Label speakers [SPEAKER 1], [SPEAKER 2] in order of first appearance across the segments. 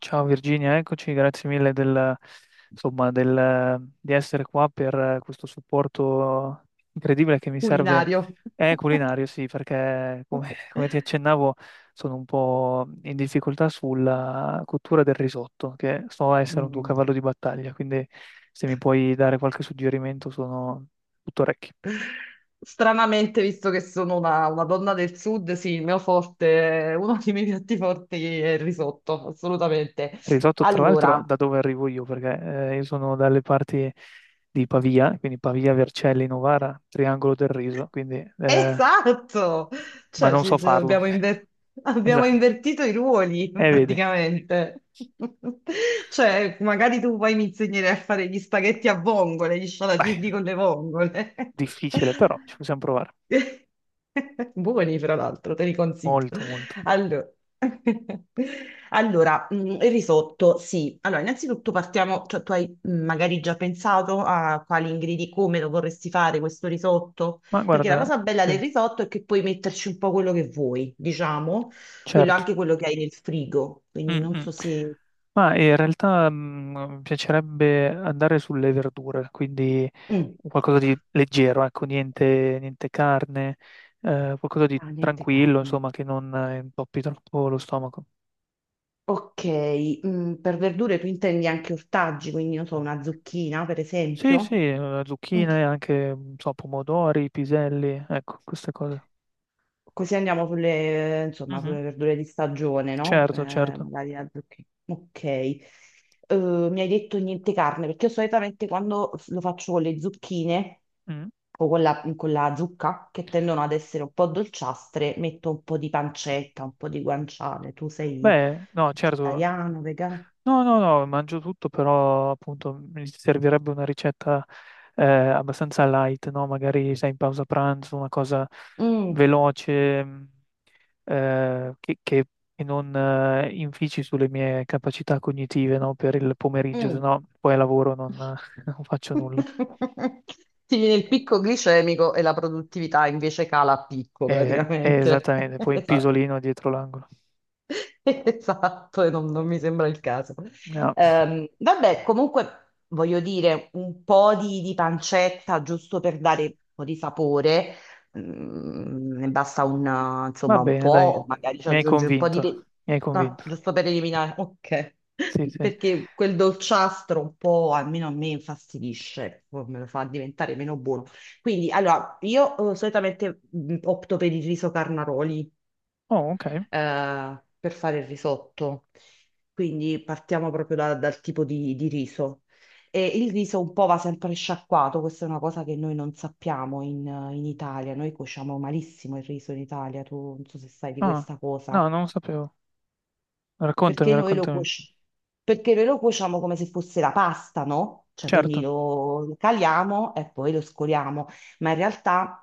[SPEAKER 1] Ciao Virginia, eccoci, grazie mille di essere qua per questo supporto incredibile che mi serve.
[SPEAKER 2] Culinario.
[SPEAKER 1] È culinario, sì, perché come, come ti accennavo sono un po' in difficoltà sulla cottura del risotto, che so essere un tuo
[SPEAKER 2] Mm.
[SPEAKER 1] cavallo di battaglia, quindi se mi puoi dare qualche suggerimento sono tutto orecchi.
[SPEAKER 2] Stranamente, visto che sono una donna del sud, sì, il mio forte, uno dei miei piatti forti è il risotto, assolutamente.
[SPEAKER 1] Risotto, tra l'altro,
[SPEAKER 2] Allora,
[SPEAKER 1] da dove arrivo io, perché io sono dalle parti di Pavia, quindi Pavia, Vercelli, Novara, Triangolo del Riso, quindi,
[SPEAKER 2] esatto,
[SPEAKER 1] ma
[SPEAKER 2] cioè
[SPEAKER 1] non so
[SPEAKER 2] ci
[SPEAKER 1] farlo.
[SPEAKER 2] abbiamo, abbiamo
[SPEAKER 1] Esatto.
[SPEAKER 2] invertito i ruoli
[SPEAKER 1] E vedi.
[SPEAKER 2] praticamente. Cioè, magari tu poi mi insegnerai a fare gli spaghetti a vongole, gli
[SPEAKER 1] Beh,
[SPEAKER 2] scialatielli con le vongole.
[SPEAKER 1] difficile, però ci possiamo provare.
[SPEAKER 2] Buoni, fra l'altro, te li consiglio.
[SPEAKER 1] Molto, molto.
[SPEAKER 2] Allora, allora, il risotto, sì. Allora, innanzitutto partiamo, cioè tu hai magari già pensato a quali ingredienti, come lo vorresti fare questo risotto?
[SPEAKER 1] Ma
[SPEAKER 2] Perché la
[SPEAKER 1] guarda,
[SPEAKER 2] cosa bella del
[SPEAKER 1] sì,
[SPEAKER 2] risotto è che puoi metterci un po' quello che vuoi, diciamo, quello,
[SPEAKER 1] certo.
[SPEAKER 2] anche quello che hai nel frigo.
[SPEAKER 1] Mm,
[SPEAKER 2] Quindi non
[SPEAKER 1] mm.
[SPEAKER 2] so se...
[SPEAKER 1] Ma in realtà mi piacerebbe andare sulle verdure, quindi
[SPEAKER 2] Mm.
[SPEAKER 1] qualcosa di leggero, ecco, niente, niente carne, qualcosa di
[SPEAKER 2] Ah, niente
[SPEAKER 1] tranquillo,
[SPEAKER 2] carne.
[SPEAKER 1] insomma, che non intoppi troppo lo stomaco.
[SPEAKER 2] Ok, per verdure tu intendi anche ortaggi, quindi non so, una zucchina per
[SPEAKER 1] Sì, sì,
[SPEAKER 2] esempio. Mm.
[SPEAKER 1] zucchine, anche, non so, pomodori, piselli, ecco, queste cose.
[SPEAKER 2] Così andiamo sulle, insomma,
[SPEAKER 1] Mhm.
[SPEAKER 2] sulle verdure di stagione, no?
[SPEAKER 1] Certo, certo.
[SPEAKER 2] Magari la zucchina. Ok. Mi hai detto niente carne, perché io solitamente quando lo faccio con le zucchine...
[SPEAKER 1] Mm.
[SPEAKER 2] o con la zucca, che tendono ad essere un po' dolciastre, metto un po' di pancetta, un po' di guanciale. Tu sei
[SPEAKER 1] Beh, no, certo.
[SPEAKER 2] vegetariano, vegano?
[SPEAKER 1] No, no, no, mangio tutto, però appunto mi servirebbe una ricetta abbastanza light, no? Magari sei in pausa pranzo, una cosa
[SPEAKER 2] Mm,
[SPEAKER 1] veloce, eh, che, che- che non infici sulle mie capacità cognitive, no, per il pomeriggio, se
[SPEAKER 2] mm.
[SPEAKER 1] no poi al lavoro non, non faccio nulla.
[SPEAKER 2] Ti viene il picco glicemico e la produttività invece cala a picco praticamente.
[SPEAKER 1] Esattamente, poi il
[SPEAKER 2] Esatto.
[SPEAKER 1] pisolino dietro l'angolo.
[SPEAKER 2] Esatto, e non mi sembra il caso.
[SPEAKER 1] No,
[SPEAKER 2] Vabbè, comunque voglio dire un po' di pancetta giusto per dare un po' di sapore. Ne basta
[SPEAKER 1] va
[SPEAKER 2] insomma, un
[SPEAKER 1] bene, dai,
[SPEAKER 2] po', magari ci
[SPEAKER 1] mi hai
[SPEAKER 2] aggiungi un po' di...
[SPEAKER 1] convinto, mi hai
[SPEAKER 2] No,
[SPEAKER 1] convinto.
[SPEAKER 2] giusto per eliminare, ok.
[SPEAKER 1] Sì, sì.
[SPEAKER 2] Perché quel dolciastro un po', almeno a me, infastidisce, poi me lo fa diventare meno buono. Quindi, allora, io solitamente opto per il riso carnaroli
[SPEAKER 1] Oh, ok.
[SPEAKER 2] per fare il risotto. Quindi partiamo proprio dal tipo di riso. E il riso un po' va sempre sciacquato, questa è una cosa che noi non sappiamo in Italia, noi cuociamo malissimo il riso in Italia, tu non so se sai di
[SPEAKER 1] Ah,
[SPEAKER 2] questa cosa
[SPEAKER 1] no, non lo sapevo. Raccontami,
[SPEAKER 2] perché noi lo
[SPEAKER 1] raccontami.
[SPEAKER 2] cuoci- perché noi lo cuociamo come se fosse la pasta, no? Cioè, quindi
[SPEAKER 1] Certo.
[SPEAKER 2] lo caliamo e poi lo scoliamo, ma in realtà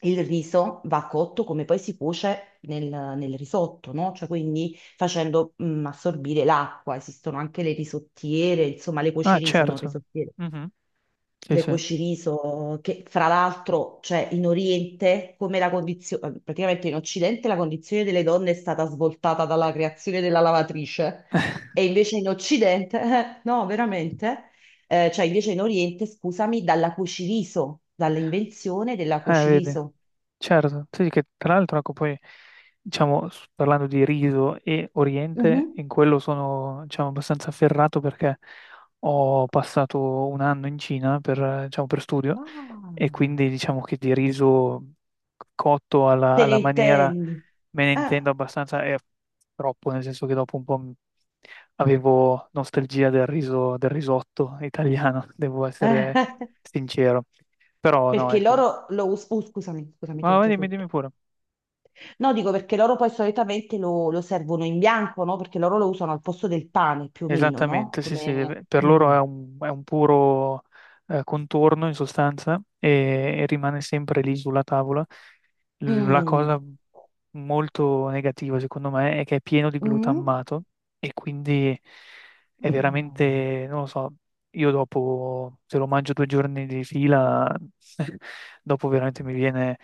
[SPEAKER 2] il riso va cotto come poi si cuoce nel risotto, no? Cioè, quindi facendo assorbire l'acqua. Esistono anche le risottiere, insomma, le
[SPEAKER 1] Ah,
[SPEAKER 2] cuocerie sono
[SPEAKER 1] certo.
[SPEAKER 2] risottiere.
[SPEAKER 1] Mhm. Sì,
[SPEAKER 2] Le
[SPEAKER 1] sì.
[SPEAKER 2] cuociriso, che fra l'altro, cioè in Oriente, come la condizione, praticamente in Occidente la condizione delle donne è stata svoltata dalla creazione della lavatrice, e invece in Occidente, no, veramente, cioè invece in Oriente, scusami, dalla cuciriso, dall'invenzione della
[SPEAKER 1] Vedi.
[SPEAKER 2] cuciriso.
[SPEAKER 1] Certo, sì, che tra l'altro, ecco, poi, diciamo, parlando di riso e Oriente,
[SPEAKER 2] Mhm.
[SPEAKER 1] in quello sono, diciamo, abbastanza afferrato perché ho passato un anno in Cina per, diciamo, per studio e
[SPEAKER 2] Ah.
[SPEAKER 1] quindi diciamo che di riso cotto
[SPEAKER 2] Te ne
[SPEAKER 1] alla maniera
[SPEAKER 2] intendi?
[SPEAKER 1] me ne intendo
[SPEAKER 2] Ah.
[SPEAKER 1] abbastanza e troppo, nel senso che dopo un po' avevo nostalgia del riso, del risotto italiano, devo essere sincero. Però no,
[SPEAKER 2] Perché
[SPEAKER 1] ecco.
[SPEAKER 2] scusami, scusami, ti ho
[SPEAKER 1] Ma vai, dimmi, dimmi
[SPEAKER 2] interrotto.
[SPEAKER 1] pure.
[SPEAKER 2] No, dico perché loro poi solitamente lo servono in bianco, no? Perché loro lo usano al posto del pane, più o meno, no?
[SPEAKER 1] Esattamente, sì, sì,
[SPEAKER 2] Come...
[SPEAKER 1] per loro
[SPEAKER 2] Mm.
[SPEAKER 1] è un puro contorno in sostanza e rimane sempre lì sulla tavola. La
[SPEAKER 2] Mm.
[SPEAKER 1] cosa molto negativa, secondo me, è che è pieno di
[SPEAKER 2] Mm.
[SPEAKER 1] glutammato e quindi è
[SPEAKER 2] Ah,
[SPEAKER 1] veramente, non lo so, io dopo, se lo mangio due giorni di fila, dopo veramente mi viene,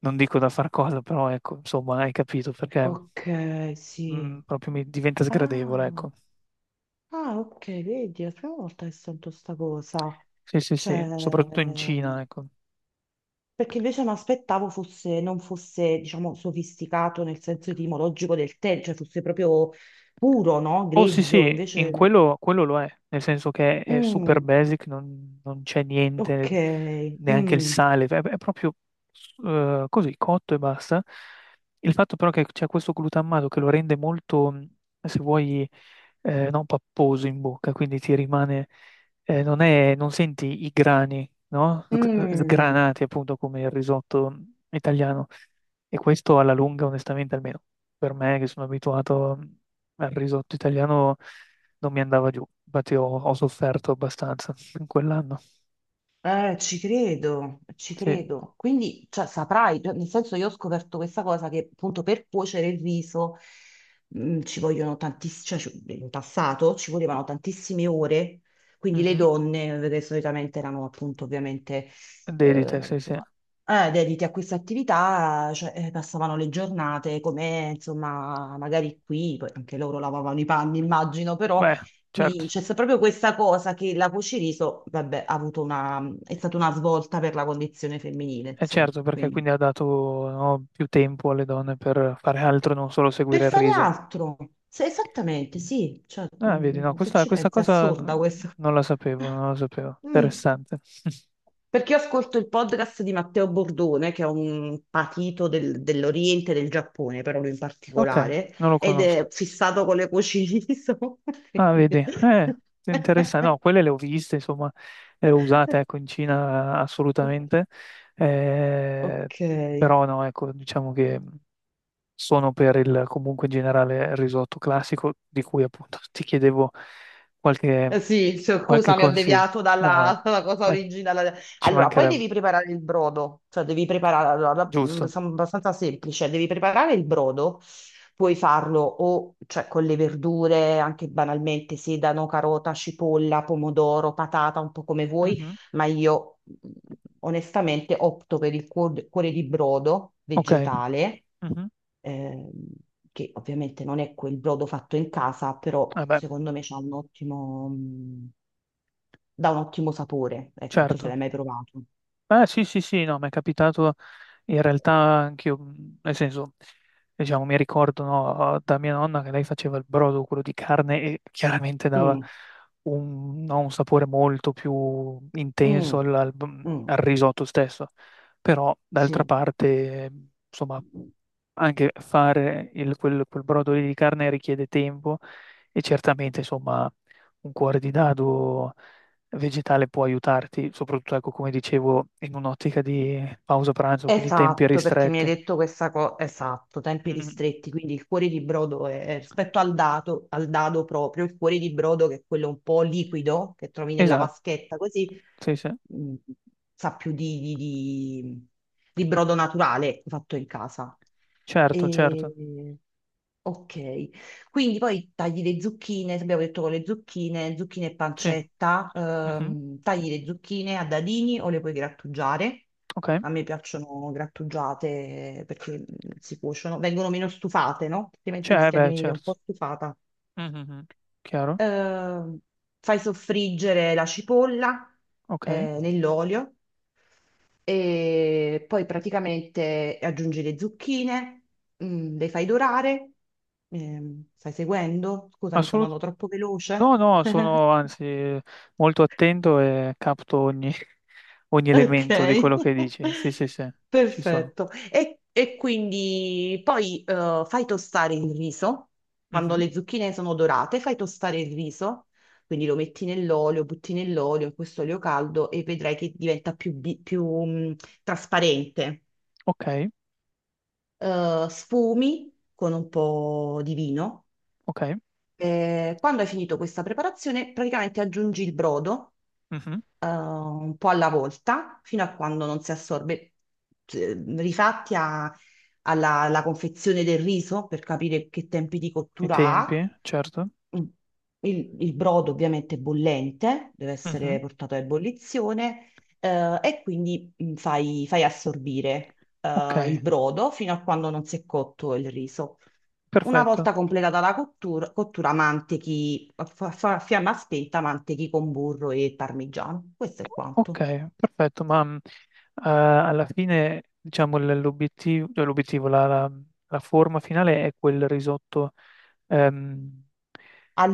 [SPEAKER 1] non dico da far cosa, però ecco, insomma, hai capito perché
[SPEAKER 2] ok, sì.
[SPEAKER 1] proprio mi diventa sgradevole,
[SPEAKER 2] Ah,
[SPEAKER 1] ecco.
[SPEAKER 2] ah, ok, vedi, è la prima volta che sento sta cosa.
[SPEAKER 1] Sì, sì,
[SPEAKER 2] Cioè,
[SPEAKER 1] sì, soprattutto in Cina, ecco.
[SPEAKER 2] perché invece mi aspettavo fosse, non fosse, diciamo, sofisticato nel senso etimologico del termine, cioè fosse proprio puro, no?
[SPEAKER 1] Oh, sì,
[SPEAKER 2] Grezzo,
[SPEAKER 1] sì, in
[SPEAKER 2] invece...
[SPEAKER 1] quello, quello lo è, nel senso che è super
[SPEAKER 2] Mm.
[SPEAKER 1] basic, non, non c'è
[SPEAKER 2] Ok,
[SPEAKER 1] niente, neanche il
[SPEAKER 2] mm,
[SPEAKER 1] sale, è proprio così, cotto e basta. Il fatto però che c'è questo glutammato che lo rende molto, se vuoi, non papposo in bocca, quindi ti rimane, non senti i grani, no?
[SPEAKER 2] mm,
[SPEAKER 1] Sgranati appunto come il risotto italiano. E questo alla lunga, onestamente, almeno per me che sono abituato. Il risotto italiano non mi andava giù, infatti ho sofferto abbastanza in quell'anno.
[SPEAKER 2] ci credo, ci
[SPEAKER 1] Sì,
[SPEAKER 2] credo. Quindi, cioè, saprai, cioè, nel senso io ho scoperto questa cosa che appunto per cuocere il riso ci vogliono tantissime, in passato ci volevano tantissime ore, quindi le
[SPEAKER 1] mhm.
[SPEAKER 2] donne, che solitamente erano appunto ovviamente,
[SPEAKER 1] Dedite,
[SPEAKER 2] eh,
[SPEAKER 1] sì, sì.
[SPEAKER 2] insomma, dedite a questa attività, cioè, passavano le giornate come, insomma, magari qui, poi anche loro lavavano i panni, immagino, però
[SPEAKER 1] Beh, certo,
[SPEAKER 2] qui proprio questa cosa che la cuciriso, vabbè, ha avuto una, è stata una svolta per la condizione femminile,
[SPEAKER 1] è
[SPEAKER 2] insomma.
[SPEAKER 1] certo perché
[SPEAKER 2] Quindi,
[SPEAKER 1] quindi ha dato, no, più tempo alle donne per fare altro, non solo
[SPEAKER 2] per
[SPEAKER 1] seguire il
[SPEAKER 2] fare
[SPEAKER 1] riso.
[SPEAKER 2] altro, esattamente, sì, cioè,
[SPEAKER 1] Ah, vedi, no,
[SPEAKER 2] se
[SPEAKER 1] questa,
[SPEAKER 2] ci pensi, è assurda questa.
[SPEAKER 1] non la sapevo, non la sapevo.
[SPEAKER 2] Mm.
[SPEAKER 1] Interessante.
[SPEAKER 2] Perché io ascolto il podcast di Matteo Bordone, che è un patito dell'Oriente, del Giappone, però lui in
[SPEAKER 1] Ok,
[SPEAKER 2] particolare,
[SPEAKER 1] non lo
[SPEAKER 2] ed
[SPEAKER 1] conosco.
[SPEAKER 2] è fissato con le cucine.
[SPEAKER 1] Ah, vedi, interessante. No, quelle le ho viste, insomma, le ho usate, ecco, in Cina assolutamente. Eh,
[SPEAKER 2] Ok.
[SPEAKER 1] però no, ecco, diciamo che sono per il, comunque in generale, il risotto classico, di cui appunto ti chiedevo qualche,
[SPEAKER 2] Eh sì, cioè,
[SPEAKER 1] qualche
[SPEAKER 2] scusami, ho
[SPEAKER 1] consiglio.
[SPEAKER 2] deviato dalla,
[SPEAKER 1] No,
[SPEAKER 2] dalla cosa
[SPEAKER 1] ma
[SPEAKER 2] originale.
[SPEAKER 1] ci
[SPEAKER 2] Allora, poi
[SPEAKER 1] mancherebbe,
[SPEAKER 2] devi preparare il brodo, cioè devi preparare, allora,
[SPEAKER 1] giusto.
[SPEAKER 2] sono abbastanza semplice, devi preparare il brodo, puoi farlo o cioè, con le verdure, anche banalmente, sedano, carota, cipolla, pomodoro, patata, un po' come vuoi,
[SPEAKER 1] Mhm.
[SPEAKER 2] ma io onestamente opto per il cuore di brodo
[SPEAKER 1] Ok,
[SPEAKER 2] vegetale,
[SPEAKER 1] mhm.
[SPEAKER 2] ehm, che ovviamente non è quel brodo fatto in casa, però
[SPEAKER 1] Vabbè,
[SPEAKER 2] secondo me c'ha un ottimo, dà un ottimo sapore. Ecco, non so se l'hai
[SPEAKER 1] certo.
[SPEAKER 2] mai provato.
[SPEAKER 1] Ah, sì, sì, sì, no, mi è capitato. In realtà anch'io, nel senso, diciamo, mi ricordo, no, da mia nonna che lei faceva il brodo, quello di carne, e chiaramente dava
[SPEAKER 2] Mm,
[SPEAKER 1] un, no, un sapore molto più intenso
[SPEAKER 2] mm, mm,
[SPEAKER 1] al risotto stesso. Però, d'altra
[SPEAKER 2] sì.
[SPEAKER 1] parte, eh, insomma, anche fare quel, quel brodo lì di carne richiede tempo e certamente, insomma, un cuore di dado vegetale può aiutarti, soprattutto, ecco, come dicevo, in un'ottica di pausa pranzo, quindi tempi
[SPEAKER 2] Esatto, perché mi hai
[SPEAKER 1] ristretti.
[SPEAKER 2] detto questa cosa, esatto, tempi
[SPEAKER 1] Mm,
[SPEAKER 2] ristretti, quindi il cuore di brodo è rispetto al dado proprio, il cuore di brodo che è quello un po' liquido che trovi nella
[SPEAKER 1] esatto,
[SPEAKER 2] vaschetta, così
[SPEAKER 1] sì, sì,
[SPEAKER 2] mh, sa più di brodo naturale fatto in casa.
[SPEAKER 1] certo, certo,
[SPEAKER 2] E... Ok, quindi poi tagli le zucchine, abbiamo detto con le zucchine, zucchine e
[SPEAKER 1] sì,
[SPEAKER 2] pancetta,
[SPEAKER 1] mhm,
[SPEAKER 2] tagli le zucchine a dadini o le puoi grattugiare.
[SPEAKER 1] ok,
[SPEAKER 2] A me piacciono grattugiate perché si cuociono, vengono meno stufate, no? Altrimenti
[SPEAKER 1] cioè,
[SPEAKER 2] rischia di
[SPEAKER 1] beh,
[SPEAKER 2] venire un
[SPEAKER 1] certo,
[SPEAKER 2] po' stufata.
[SPEAKER 1] mhm, chiaro,
[SPEAKER 2] eh, Fai soffriggere la cipolla
[SPEAKER 1] ok,
[SPEAKER 2] nell'olio e poi praticamente aggiungi le zucchine, le fai dorare. Stai seguendo? Scusa, mi sono
[SPEAKER 1] assolutamente,
[SPEAKER 2] andato troppo veloce.
[SPEAKER 1] no, no, sono anzi molto attento e capto ogni, ogni
[SPEAKER 2] Ok,
[SPEAKER 1] elemento di quello che dici, sì, sì, sì, ci sono,
[SPEAKER 2] perfetto. E quindi poi fai tostare il riso, quando
[SPEAKER 1] mhm.
[SPEAKER 2] le zucchine sono dorate, fai tostare il riso, quindi lo metti nell'olio, butti nell'olio, in questo olio caldo e vedrai che diventa più trasparente.
[SPEAKER 1] Ok,
[SPEAKER 2] Sfumi con un po' di vino.
[SPEAKER 1] ok,
[SPEAKER 2] Quando hai finito questa preparazione, praticamente aggiungi il brodo
[SPEAKER 1] mhm.
[SPEAKER 2] un po' alla volta fino a quando non si assorbe, rifatti alla confezione del riso per capire che tempi di
[SPEAKER 1] I
[SPEAKER 2] cottura
[SPEAKER 1] tempi,
[SPEAKER 2] ha
[SPEAKER 1] certo.
[SPEAKER 2] il, il brodo. Ovviamente è bollente, deve
[SPEAKER 1] Mhm.
[SPEAKER 2] essere portato a ebollizione, e quindi fai assorbire,
[SPEAKER 1] Ok,
[SPEAKER 2] il brodo fino a quando non si è cotto il riso. Una volta
[SPEAKER 1] perfetto.
[SPEAKER 2] completata la cottura, mantechi a fiamma spenta, mantechi con burro e parmigiano. Questo è quanto.
[SPEAKER 1] Ok, perfetto, ma alla fine, diciamo, l'obiettivo, cioè l'obiettivo, la forma finale è quel risotto ehm,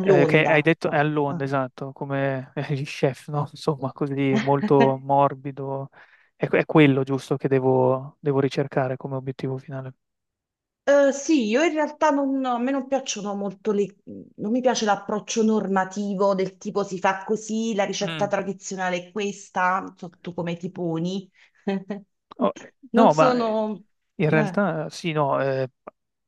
[SPEAKER 1] che hai detto è all'onda,
[SPEAKER 2] Ah.
[SPEAKER 1] esatto, come gli chef, no? Insomma, così molto morbido. È quello giusto che devo ricercare come obiettivo finale.
[SPEAKER 2] Eh sì, io in realtà non, a me non piacciono molto le, non mi piace l'approccio normativo del tipo si fa così, la ricetta
[SPEAKER 1] Mm.
[SPEAKER 2] tradizionale è questa, non so tu come ti poni.
[SPEAKER 1] Oh,
[SPEAKER 2] Non
[SPEAKER 1] no, ma
[SPEAKER 2] sono...
[SPEAKER 1] in
[SPEAKER 2] eh,
[SPEAKER 1] realtà sì, no,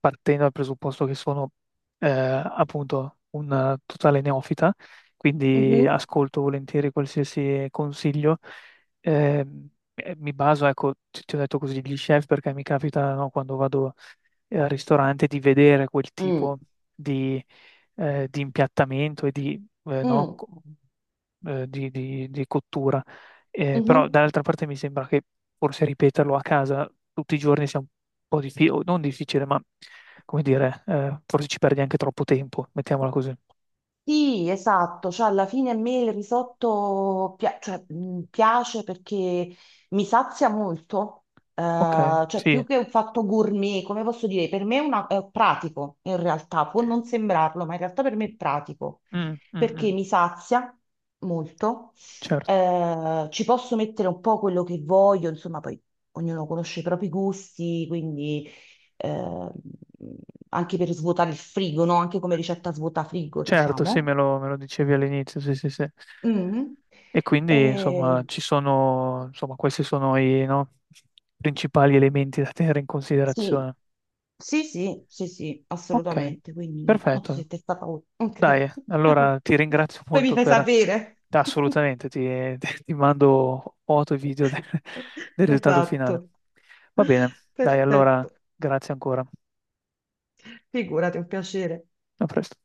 [SPEAKER 1] partendo dal presupposto che sono appunto un totale neofita, quindi
[SPEAKER 2] mhm,
[SPEAKER 1] ascolto volentieri qualsiasi consiglio. eh, mi baso, ecco, ti ho detto così, gli chef perché mi capita no, quando vado al ristorante di vedere quel
[SPEAKER 2] mm.
[SPEAKER 1] tipo di, di impiattamento e di, no,
[SPEAKER 2] Mm,
[SPEAKER 1] co- di cottura. Però
[SPEAKER 2] mhm.
[SPEAKER 1] dall'altra parte mi sembra che forse ripeterlo a casa tutti i giorni sia un po' difficile, non difficile, ma come dire, forse ci perdi anche troppo tempo, mettiamola così.
[SPEAKER 2] Sì, esatto, cioè alla fine a me il risotto cioè, piace perché mi sazia molto,
[SPEAKER 1] Ok,
[SPEAKER 2] eh, cioè
[SPEAKER 1] sì,
[SPEAKER 2] più che un fatto gourmet, come posso dire, per me è, è pratico in realtà, può non sembrarlo, ma in realtà per me è pratico,
[SPEAKER 1] mm, mm,
[SPEAKER 2] perché
[SPEAKER 1] mm,
[SPEAKER 2] mi sazia molto,
[SPEAKER 1] certo.
[SPEAKER 2] ci posso mettere un po' quello che voglio, insomma poi ognuno conosce i propri gusti, quindi eh, anche per svuotare il frigo, no? Anche come ricetta svuota frigo,
[SPEAKER 1] Certo, sì,
[SPEAKER 2] diciamo.
[SPEAKER 1] me lo dicevi all'inizio, sì, sì, sì.
[SPEAKER 2] Mm.
[SPEAKER 1] E quindi,
[SPEAKER 2] Eh
[SPEAKER 1] insomma, ci sono, insomma, questi sono i, no, principali elementi da tenere in
[SPEAKER 2] sì,
[SPEAKER 1] considerazione.
[SPEAKER 2] sì, sì, sì, sì,
[SPEAKER 1] Ok,
[SPEAKER 2] assolutamente. Quindi, no, tu
[SPEAKER 1] perfetto.
[SPEAKER 2] sei testa paura. Ok.
[SPEAKER 1] Dai, allora ti ringrazio
[SPEAKER 2] Poi mi
[SPEAKER 1] molto
[SPEAKER 2] fai
[SPEAKER 1] per...
[SPEAKER 2] sapere.
[SPEAKER 1] Assolutamente, ti, ti mando foto e video del, del risultato finale.
[SPEAKER 2] Esatto.
[SPEAKER 1] Va bene, dai, allora,
[SPEAKER 2] Perfetto.
[SPEAKER 1] grazie ancora.
[SPEAKER 2] Figurati, è un piacere.
[SPEAKER 1] A presto.